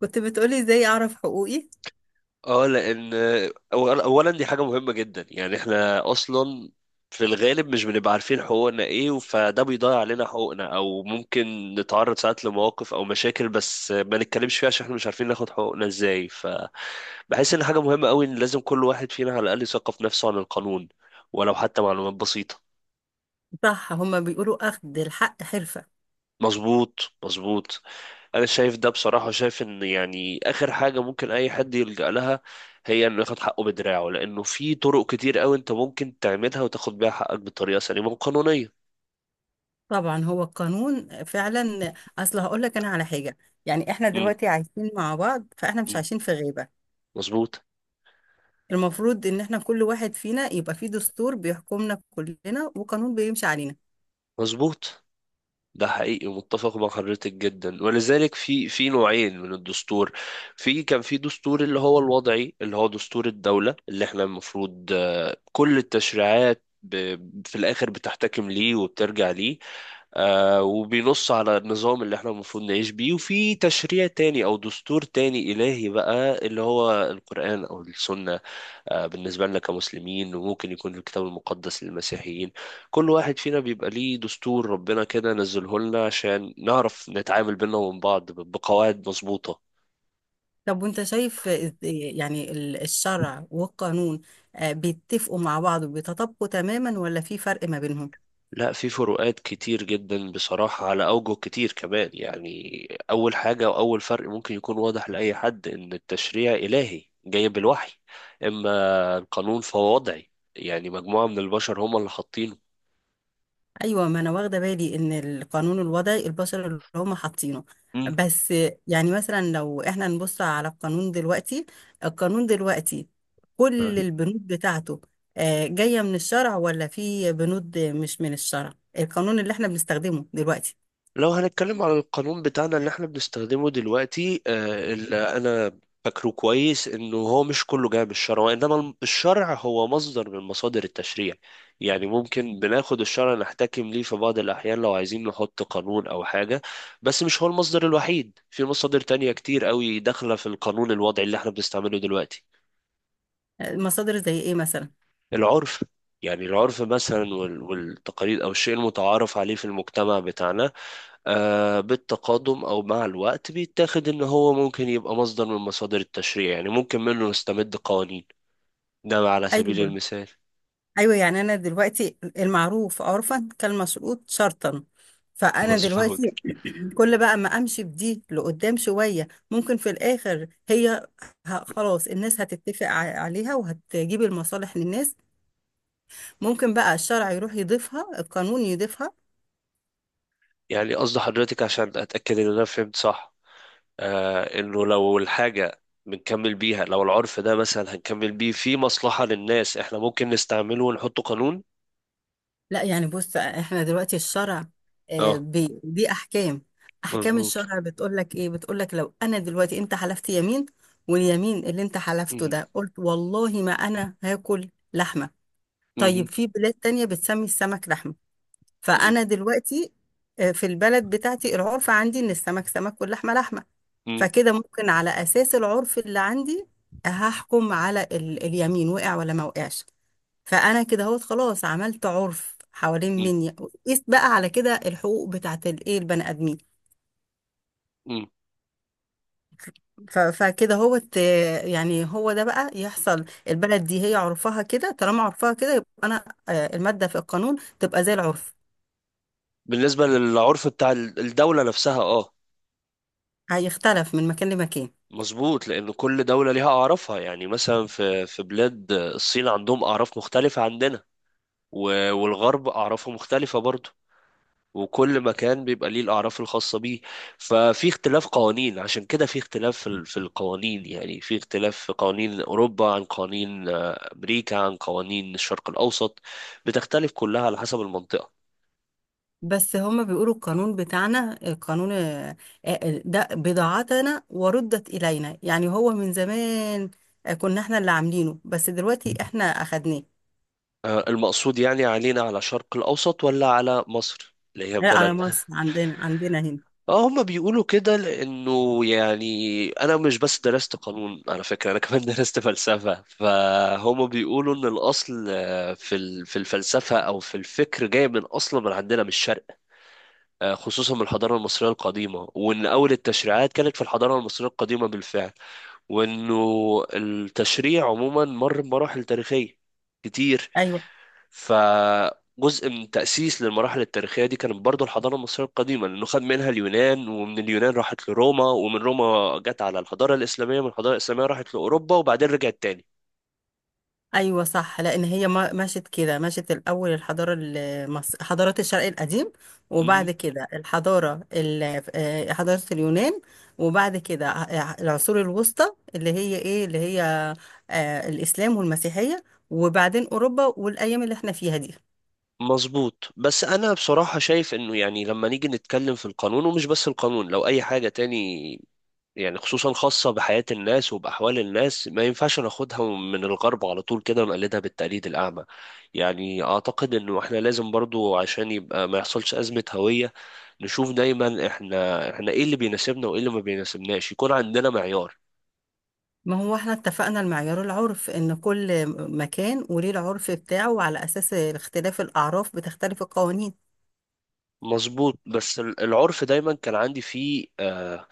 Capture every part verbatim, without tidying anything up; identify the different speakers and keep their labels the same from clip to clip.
Speaker 1: كنت بتقولي ازاي اعرف حقوقي.
Speaker 2: اه، لان أول- اولا دي حاجه مهمه جدا، يعني احنا اصلا في الغالب مش بنبقى عارفين حقوقنا ايه، فده بيضيع علينا حقوقنا او ممكن نتعرض ساعات لمواقف او مشاكل بس ما نتكلمش فيها عشان احنا مش عارفين ناخد حقوقنا ازاي. فبحس ان حاجه مهمه قوي ان لازم كل واحد فينا على الاقل يثقف نفسه عن القانون، ولو حتى معلومات بسيطه.
Speaker 1: صح، هما بيقولوا اخد الحق حرفة.
Speaker 2: مظبوط، مظبوط. انا شايف ده بصراحة، شايف ان يعني اخر حاجة ممكن اي حد يلجأ لها هي انه ياخد حقه بدراعه، لانه في طرق كتير قوي انت ممكن تعملها وتاخد بيها حقك بطريقة سليمة وقانونية.
Speaker 1: طبعا هو القانون فعلا. اصل هقول لك انا على حاجة. يعني احنا
Speaker 2: امم.
Speaker 1: دلوقتي عايشين مع بعض، فاحنا مش
Speaker 2: أمم.
Speaker 1: عايشين في غيبة.
Speaker 2: مظبوط.
Speaker 1: المفروض ان احنا كل واحد فينا يبقى فيه دستور بيحكمنا كلنا وقانون بيمشي علينا.
Speaker 2: مظبوط. ده حقيقي، متفق مع حضرتك جدا. ولذلك في في نوعين من الدستور. في كان في دستور اللي هو الوضعي، اللي هو دستور الدولة اللي احنا المفروض آه، كل التشريعات ب- في الآخر بتحتكم ليه وبترجع ليه. آه، وبينص على النظام اللي احنا المفروض نعيش بيه. وفي تشريع تاني او دستور تاني الهي بقى، اللي هو القرآن او السنة. آه، بالنسبة لنا كمسلمين، وممكن يكون في الكتاب المقدس للمسيحيين. كل واحد فينا بيبقى ليه دستور ربنا كده نزله لنا عشان نعرف نتعامل بينا ومن بعض ب- بقواعد مظبوطة.
Speaker 1: طب وانت شايف إز- يعني ال- الشرع والقانون آه، بيتفقوا مع بعض وبيتطابقوا تماما ولا في فرق ما بينهم؟
Speaker 2: لا، في فروقات كتير جدا بصراحة على أوجه كتير كمان، يعني أول حاجة وأول فرق ممكن يكون واضح لأي حد إن التشريع إلهي جاي بالوحي، إما القانون فهو وضعي، يعني مجموعة من البشر هم اللي حاطينه.
Speaker 1: ايوه، ما انا واخده بالي ان القانون الوضعي البشر اللي هم حاطينه.
Speaker 2: مم.
Speaker 1: بس يعني مثلا لو احنا نبص على القانون دلوقتي، القانون دلوقتي كل البنود بتاعته آه، جايه من الشرع ولا في بنود مش من الشرع؟ القانون اللي احنا بنستخدمه دلوقتي
Speaker 2: لو هنتكلم على القانون بتاعنا اللي احنا بنستخدمه دلوقتي آه، اللي انا فاكره كويس انه هو مش كله جاي من الشرع، وانما الم- الشرع هو مصدر من مصادر التشريع. يعني ممكن بناخد الشرع نحتكم ليه في بعض الاحيان لو عايزين نحط قانون او حاجة، بس مش هو المصدر الوحيد، في مصادر تانية كتير قوي داخلة في القانون الوضعي اللي احنا بنستعمله دلوقتي.
Speaker 1: آه، مصادر زي ايه مثلا؟
Speaker 2: العرف. يعني العرف مثلا وال- والتقاليد او الشيء المتعارف عليه في المجتمع بتاعنا، آه، بالتقادم او مع الوقت بيتاخد ان هو ممكن يبقى مصدر من مصادر التشريع، يعني ممكن منه نستمد قوانين. ده على سبيل
Speaker 1: ايوه،
Speaker 2: المثال.
Speaker 1: ايوه، يعني انا دلوقتي المعروف عرفا كالمشروط شرطا. فانا
Speaker 2: مظبوط.
Speaker 1: دلوقتي كل بقى ما امشي بدي لقدام شويه، ممكن في الاخر هي ه- خلاص الناس هتتفق ع- عليها وهتجيب المصالح للناس. ممكن بقى الشرع يروح يضيفها، القانون يضيفها.
Speaker 2: يعني قصد حضرتك عشان اتاكد ان انا فهمت صح، آه انه لو الحاجه بنكمل بيها، لو العرف ده مثلا هنكمل بيه في مصلحه للناس، احنا ممكن نستعمله ونحطه قانون.
Speaker 1: لا يعني بص، احنا دلوقتي الشرع آه،
Speaker 2: اه.
Speaker 1: بي- دي احكام. احكام
Speaker 2: مظبوط.
Speaker 1: الشرع بتقول لك ايه؟ بتقول لك لو انا دلوقتي انت حلفت يمين، واليمين اللي انت حلفته
Speaker 2: مهم.
Speaker 1: ده قلت والله ما انا هاكل لحمه. طيب
Speaker 2: مهم.
Speaker 1: في بلاد تانية بتسمي السمك لحمه،
Speaker 2: مهم.
Speaker 1: فانا دلوقتي آه، في البلد بتاعتي العرف عندي ان السمك سمك واللحمه لحمه.
Speaker 2: مهم.
Speaker 1: فكده ممكن على اساس العرف اللي عندي هحكم على ال... اليمين وقع ولا ما وقعش. فانا كده اهوت، خلاص عملت عرف حوالين مني. قيس بقى على كده الحقوق بتاعت الايه البني ادمين.
Speaker 2: مهم.
Speaker 1: ف... فكده هوت، آه، يعني هو ده بقى يحصل. البلد دي هي عرفها كده، طالما عرفها كده يبقى انا آه، الماده في القانون تبقى زي العرف.
Speaker 2: بالنسبه للعرف بتاع الدوله نفسها، اه.
Speaker 1: هيختلف من مكان لمكان.
Speaker 2: مظبوط، لأن كل دولة ليها أعرافها. يعني مثلا في في بلاد الصين عندهم أعراف مختلفة عندنا، و- والغرب أعرافه مختلفة برضه، وكل مكان بيبقى ليه الأعراف الخاصة بيه. ففي اختلاف قوانين عشان كده، في اختلاف في ال- في القوانين، يعني في اختلاف في قوانين أوروبا عن قوانين آه، أمريكا عن قوانين الشرق الأوسط، بتختلف كلها على حسب المنطقة.
Speaker 1: بس هما بيقولوا القانون بتاعنا، القانون آه، آه، ده بضاعتنا وردت إلينا. يعني هو من زمان آه، كنا احنا اللي عاملينه، بس دلوقتي احنا أخدناه.
Speaker 2: آه، المقصود يعني علينا، على الشرق الأوسط ولا على مصر اللي هي
Speaker 1: لا، على
Speaker 2: بلد؟
Speaker 1: مصر، عندنا عندنا هنا.
Speaker 2: اه، هما بيقولوا كده. لانه يعني انا مش بس درست قانون على فكره، انا كمان درست فلسفه، فهما بيقولوا ان الاصل آه، في ال- في الفلسفه او في الفكر جاي من اصلا من عندنا من الشرق، آه، خصوصا من الحضاره المصريه القديمه. وان اول التشريعات كانت في الحضاره المصريه القديمه بالفعل. وانه التشريع عموما مر بمراحل تاريخيه كتير.
Speaker 1: أيوة.
Speaker 2: فجزء من تأسيس للمراحل التاريخية دي كانت برضو الحضارة المصرية القديمة، لأنه خد منها اليونان، ومن اليونان راحت لروما، ومن روما جت على الحضارة الإسلامية، من الحضارة الإسلامية راحت لأوروبا، وبعدين رجعت تاني.
Speaker 1: ايوه صح، لان هي ما- مشت كده، مشت الاول الحضاره المصر، حضارات الشرق القديم.
Speaker 2: مهم.
Speaker 1: وبعد كده الحضاره ال- آه، حضاره اليونان. وبعد كده ع- العصور الوسطى، اللي هي ايه، اللي هي آه، الاسلام والمسيحيه. وبعدين اوروبا والايام اللي احنا فيها دي.
Speaker 2: مظبوط. بس أنا بصراحة شايف إنه يعني لما نيجي نتكلم في القانون، ومش بس القانون، لو أي حاجة تاني يعني خصوصا خاصة بحياة الناس وبأحوال الناس، ما ينفعش ناخدها من الغرب على طول كده ونقلدها بالتقليد الأعمى. يعني أعتقد إنه إحنا لازم برضو، عشان يبقى ما يحصلش أزمة هوية، نشوف دايما إحنا إحنا إيه اللي بيناسبنا وإيه اللي ما بيناسبناش، يكون عندنا معيار.
Speaker 1: ما هو احنا اتفقنا، المعيار العرف، ان كل مكان وليه العرف بتاعه، وعلى اساس اختلاف الاعراف بتختلف القوانين.
Speaker 2: مظبوط. بس ال- العرف دايما كان عندي فيه آه،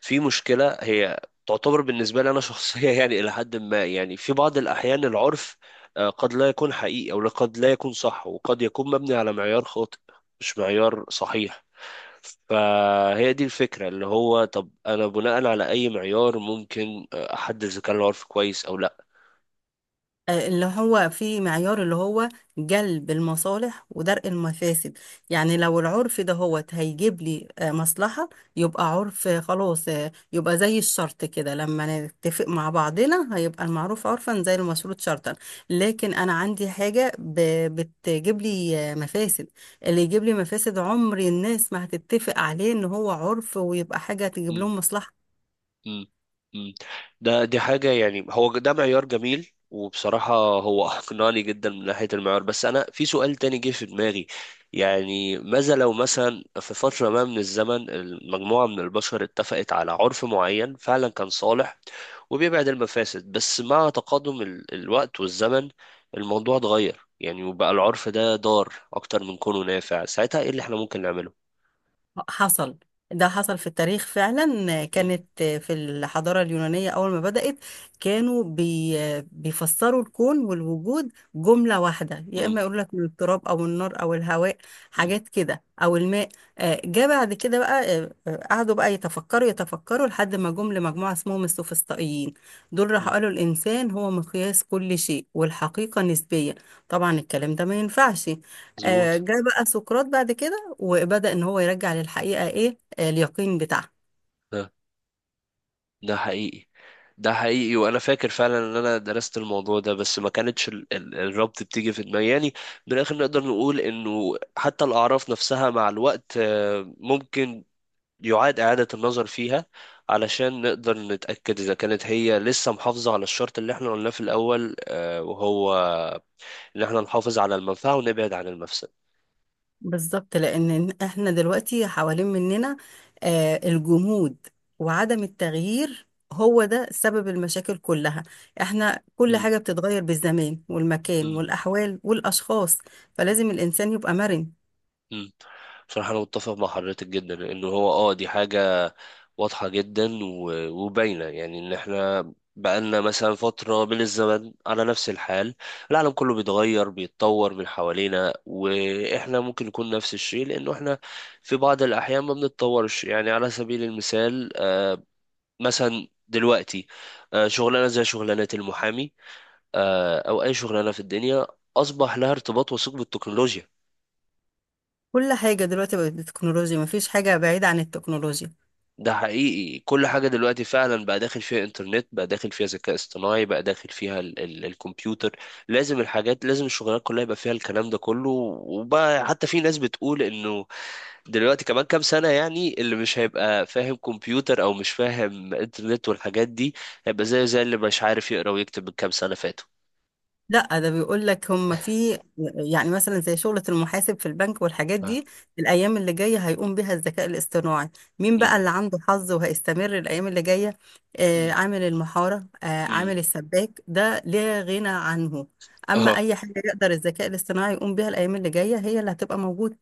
Speaker 2: في مشكلة. هي تعتبر بالنسبة لي أنا شخصية، يعني إلى حد ما، يعني في بعض الأحيان العرف آه قد لا يكون حقيقي أو قد لا يكون صح، وقد يكون مبني على معيار خاطئ، مش معيار صحيح. فهي دي الفكرة، اللي هو طب أنا بناء على أي معيار ممكن آه، أحدد إذا كان العرف كويس أو
Speaker 1: آه، اللي هو في معيار، اللي هو جلب المصالح ودرء المفاسد. يعني لو العرف ده هو هيجيب لي آه، مصلحة، يبقى عرف، آه، خلاص، آه، يبقى زي الشرط كده. لما نتفق مع بعضنا هيبقى المعروف عرفا زي المشروط شرطا. لكن أنا عندي حاجة ب- بتجيب لي آه، مفاسد. اللي يجيب لي مفاسد عمر الناس ما هتتفق عليه إن هو عرف، ويبقى حاجة
Speaker 2: لأ؟
Speaker 1: تجيب لهم مصلحة.
Speaker 2: مم. مم. ده دي حاجة، يعني هو ده معيار جميل، وبصراحة هو أقنعني جدا من ناحية المعيار. بس أنا في سؤال تاني جه في دماغي، يعني ماذا لو مثلا في فترة ما من الزمن مجموعة من البشر اتفقت على عرف معين فعلا كان صالح وبيبعد المفاسد، بس مع تقادم ال- الوقت والزمن الموضوع اتغير، يعني وبقى العرف ده ضار أكتر من كونه نافع. ساعتها إيه اللي إحنا ممكن نعمله؟
Speaker 1: حصل. ده حصل في التاريخ فعلا.
Speaker 2: مم.
Speaker 1: كانت في الحضارة اليونانية أول ما بدأت، كانوا بي بيفسروا الكون والوجود جملة واحدة، يا
Speaker 2: مم.
Speaker 1: إما يقول لك من التراب أو النار أو الهواء،
Speaker 2: مم.
Speaker 1: حاجات كده، أو الماء. آه، جه بعد كده بقى آه، آه، قعدوا بقى يتفكروا يتفكروا لحد ما جم لمجموعة اسمهم السوفسطائيين. دول راحوا
Speaker 2: مم.
Speaker 1: قالوا الإنسان هو مقياس كل شيء والحقيقة نسبية. طبعا الكلام ده ما ينفعش. آه،
Speaker 2: مظبوط.
Speaker 1: جه بقى سقراط بعد كده وبدأ ان هو يرجع للحقيقة ايه، آه، اليقين بتاعها.
Speaker 2: آه. ده حقيقي. ده حقيقي، وانا فاكر فعلا ان انا درست الموضوع ده، بس ما كانتش ال- ال- الربط بتيجي في دماغي. يعني من الاخر نقدر نقول انه حتى الاعراف نفسها مع الوقت آه، ممكن يعاد اعادة النظر فيها، علشان نقدر نتأكد اذا كانت هي لسه محافظة على الشرط اللي احنا قلناه في الاول، آه، وهو ان احنا نحافظ على المنفعة ونبعد عن المفسدة.
Speaker 1: بالظبط، لان احنا دلوقتي حوالين مننا آه، الجمود وعدم التغيير، هو ده سبب المشاكل كلها. احنا كل
Speaker 2: م-
Speaker 1: حاجة بتتغير بالزمان والمكان
Speaker 2: م.
Speaker 1: والأحوال والأشخاص، فلازم الإنسان يبقى مرن.
Speaker 2: مم. بصراحة أنا متفق مع حضرتك جدا إنه هو أه دي حاجة واضحة جدا و- وباينة، يعني إن إحنا بقالنا مثلا فترة من الزمن على نفس الحال، العالم كله بيتغير بيتطور من حوالينا، وإحنا ممكن نكون نفس الشيء، لأنه إحنا في بعض الأحيان ما بنتطورش. يعني على سبيل المثال آه، مثلا دلوقتي آه، شغلانة زي شغلانة المحامي، آه، أو أي شغلانة في الدنيا، أصبح لها ارتباط وثيق بالتكنولوجيا.
Speaker 1: كل حاجة دلوقتي بقت بالتكنولوجيا، مفيش حاجة بعيدة عن التكنولوجيا.
Speaker 2: ده حقيقي، كل حاجة دلوقتي فعلا بقى داخل فيها انترنت، بقى داخل فيها ذكاء اصطناعي، بقى داخل فيها ال ال الكمبيوتر. لازم الحاجات، لازم الشغلات كلها يبقى فيها الكلام ده كله. وبقى حتى في ناس بتقول انه دلوقتي كمان كام سنة، يعني اللي مش هيبقى فاهم كمبيوتر او مش فاهم انترنت والحاجات دي، هيبقى زي زي اللي مش عارف يقرا ويكتب من كام سنة فاتوا.
Speaker 1: لا ده بيقول لك هم في، يعني مثلا زي شغلة المحاسب في البنك والحاجات
Speaker 2: آه.
Speaker 1: دي، الأيام اللي جاية هيقوم بها الذكاء الاصطناعي. مين بقى
Speaker 2: مم.
Speaker 1: اللي عنده حظ وهيستمر الأيام اللي جاية؟ آه
Speaker 2: مم.
Speaker 1: عامل المحارة، آه
Speaker 2: مم.
Speaker 1: عامل السباك، ده لا غنى عنه. أما
Speaker 2: اه.
Speaker 1: أي حاجة يقدر الذكاء الاصطناعي يقوم بها الأيام اللي جاية هي اللي هتبقى موجودة.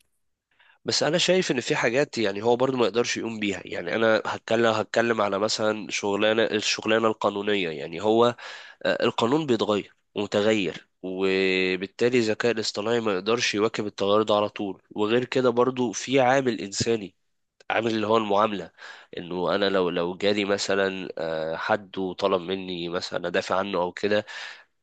Speaker 2: بس انا شايف ان في حاجات، يعني هو برضو ما يقدرش يقوم بيها. يعني انا هتكلم هتكلم على مثلا شغلانه، الشغلانه القانونيه، يعني هو آه، القانون بيتغير ومتغير، وبالتالي الذكاء الاصطناعي ما يقدرش يواكب التغير ده على طول. وغير كده برضو في عامل انساني، عامل اللي هو المعامله. انه انا لو لو جالي مثلا آه، حد وطلب مني مثلا ادافع عنه او كده،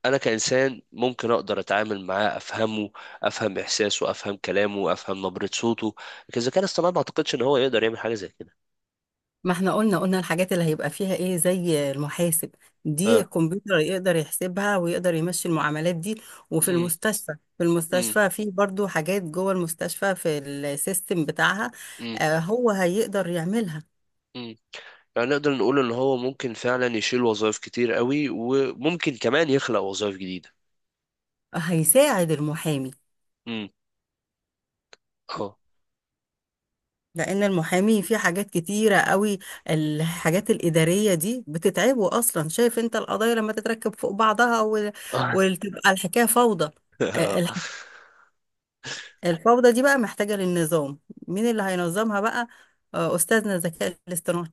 Speaker 2: انا كانسان ممكن اقدر اتعامل معاه، افهمه، افهم احساسه، افهم كلامه، افهم نبرة صوته. لكن الذكاء الاصطناعي ما اعتقدش ان هو يقدر يعمل حاجة زي كده.
Speaker 1: ما احنا قلنا قلنا الحاجات اللي هيبقى فيها ايه، زي المحاسب، دي
Speaker 2: اه.
Speaker 1: الكمبيوتر يقدر يحسبها ويقدر يمشي المعاملات دي. وفي
Speaker 2: امم.
Speaker 1: المستشفى، في
Speaker 2: امم.
Speaker 1: المستشفى في برضو حاجات جوه المستشفى في السيستم بتاعها،
Speaker 2: امم.
Speaker 1: آه هو هيقدر يعملها.
Speaker 2: امم. يعني نقدر نقول ان هو ممكن فعلا يشيل وظائف كتير قوي، وممكن كمان يخلق وظائف جديدة.
Speaker 1: هيساعد المحامي،
Speaker 2: امم. اه.
Speaker 1: لان المحامي في حاجات كتيره قوي. الحاجات الاداريه دي بتتعبه اصلا، شايف انت القضايا لما تتركب فوق بعضها وال- وتبقى الحكايه فوضى. آه، الفوضى دي بقى محتاجة للنظام. مين اللي هينظمها بقى؟ آه، أستاذنا الذكاء الاصطناعي.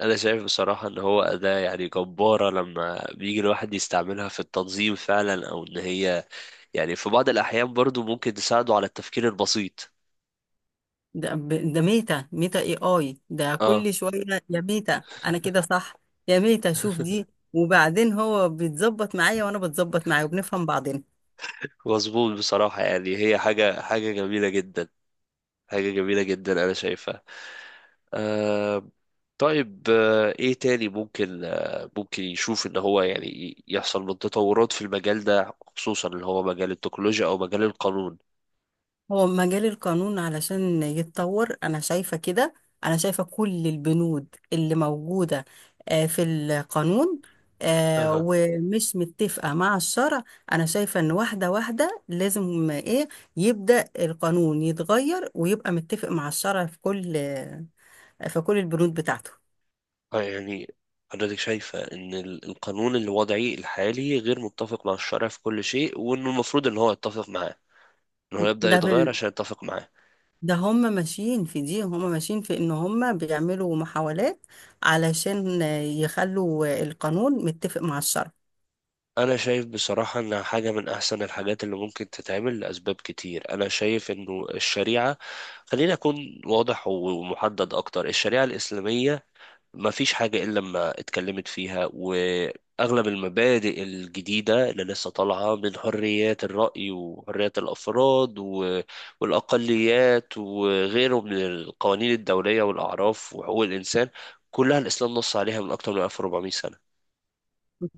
Speaker 2: انا شايف بصراحة ان هو اداة يعني جبارة لما بيجي الواحد يستعملها في التنظيم فعلا، او ان هي يعني في بعض الاحيان برضو ممكن تساعده على التفكير البسيط.
Speaker 1: ده, ب- ده ميتا ميتا اي اي ده
Speaker 2: اه.
Speaker 1: كل شوية. يا ميتا أنا كده صح؟ يا ميتا شوف دي. وبعدين هو بيتظبط معايا وأنا بتظبط معاه وبنفهم بعضنا.
Speaker 2: مظبوط بصراحة، يعني هي حاجة حاجة جميلة جدا، حاجة جميلة جدا أنا شايفها. آه. طيب، آه إيه تاني ممكن آه ممكن يشوف إن هو يعني ي- يحصل من تطورات في المجال ده، خصوصا اللي هو مجال التكنولوجيا أو مجال القانون؟
Speaker 1: هو مجال القانون علشان يتطور انا شايفة كده: انا شايفة كل البنود اللي موجودة آه، في القانون آه،
Speaker 2: أها.
Speaker 1: ومش متفقة مع الشرع، انا شايفة ان واحدة واحدة لازم ايه، يبدأ القانون يتغير ويبقى متفق مع الشرع في كل آه، في كل البنود بتاعته.
Speaker 2: آه، يعني حضرتك شايفة إن ال- القانون الوضعي الحالي غير متفق مع الشرع في كل شيء، وإنه المفروض إن هو يتفق معاه، إن هو يبدأ
Speaker 1: ده في
Speaker 2: يتغير
Speaker 1: ال-
Speaker 2: عشان يتفق معاه.
Speaker 1: ده هم ماشيين في دي هم ماشيين في ان هم بيعملوا محاولات علشان آه، يخلوا آه، القانون متفق مع الشرع.
Speaker 2: انا شايف بصراحة انها حاجة من احسن الحاجات اللي ممكن تتعمل لاسباب كتير. انا شايف انه الشريعة، خليني اكون واضح ومحدد اكتر، الشريعة الاسلامية ما فيش حاجة الا لما اتكلمت فيها. واغلب المبادئ الجديدة اللي لسه طالعة من حريات الرأي وحريات الافراد و- والاقليات وغيره من القوانين الدولية والاعراف وحقوق الانسان، كلها الاسلام نص عليها من اكتر من ألف وأربعمائة سنة.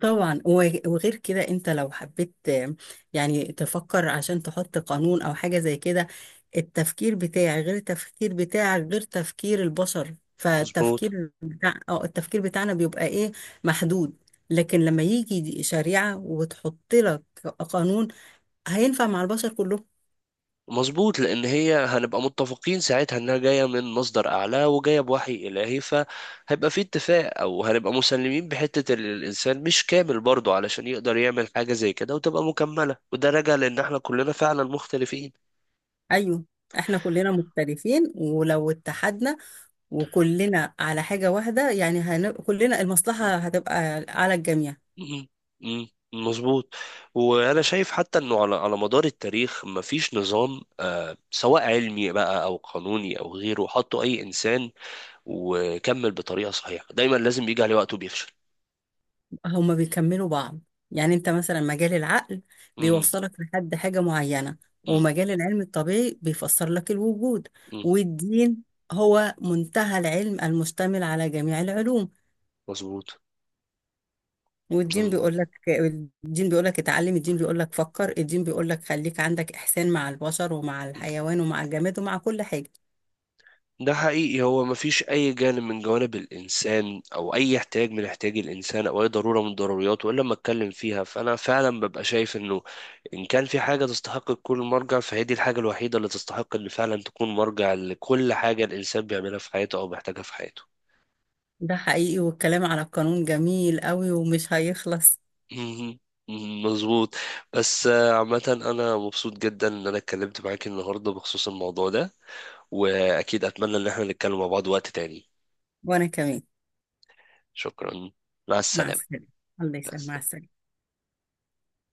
Speaker 1: طبعا وغ- وغير كده انت لو حبيت آه، يعني تفكر عشان تحط قانون او حاجة زي كده، التفكير بتاعي غير التفكير بتاعك غير تفكير البشر،
Speaker 2: مظبوط.
Speaker 1: فالتفكير بتاع اه التفكير بتاعنا بيبقى ايه، محدود. لكن لما يجي دي شريعة وتحط لك قانون، هينفع مع البشر كلهم.
Speaker 2: مظبوط، لان هي هنبقى متفقين ساعتها انها جايه من مصدر اعلى وجايه بوحي الهي، فهيبقى في اتفاق. او هنبقى مسلمين بحته ان الانسان مش كامل برضه علشان يقدر يعمل حاجه زي كده، وتبقى مكمله. وده راجع لان احنا كلنا فعلا مختلفين.
Speaker 1: ايوه، احنا كلنا مختلفين ولو اتحدنا وكلنا على حاجة واحدة يعني هن... كلنا المصلحة هتبقى على الجميع.
Speaker 2: مم. مم. مظبوط. وانا شايف حتى انه على على مدار التاريخ مفيش نظام آه سواء علمي بقى او قانوني او غيره حطه اي انسان وكمل بطريقه صحيحه، دايما لازم بيجي عليه وقت وبيفشل.
Speaker 1: هما بيكملوا بعض. يعني انت مثلا مجال العقل
Speaker 2: مم.
Speaker 1: بيوصلك لحد حاجة معينة،
Speaker 2: مم.
Speaker 1: ومجال العلم الطبيعي بيفسر لك الوجود،
Speaker 2: مم.
Speaker 1: والدين هو منتهى العلم المشتمل على جميع العلوم.
Speaker 2: مظبوط.
Speaker 1: والدين بيقول
Speaker 2: مظبوط.
Speaker 1: لك، الدين بيقول لك اتعلم، الدين بيقول لك فكر، الدين بيقول لك خليك عندك إحسان مع البشر ومع الحيوان ومع الجماد ومع كل حاجة.
Speaker 2: ده حقيقي، هو مفيش أي جانب من جوانب الإنسان أو أي احتياج من احتياج الإنسان أو أي ضرورة من ضرورياته إلا لما أتكلم فيها. فأنا فعلا ببقى شايف إنه إن كان في حاجة تستحق تكون مرجع، فهي دي الحاجة الوحيدة اللي تستحق إن فعلا تكون مرجع لكل حاجة الإنسان بيعملها في حياته أو بيحتاجها في حياته.
Speaker 1: ده حقيقي، والكلام على القانون جميل قوي ومش هيخلص.
Speaker 2: مهم. مظبوط. بس آه، عامة أنا مبسوط جدا إن أنا اتكلمت معاك النهاردة بخصوص الموضوع ده، وأكيد أتمنى إن احنا نتكلم مع بعض وقت تاني.
Speaker 1: وأنا كمان.
Speaker 2: شكرا. مع
Speaker 1: مع
Speaker 2: السلامة.
Speaker 1: السلامة. الله يسلمك،
Speaker 2: بس.
Speaker 1: مع السلامة.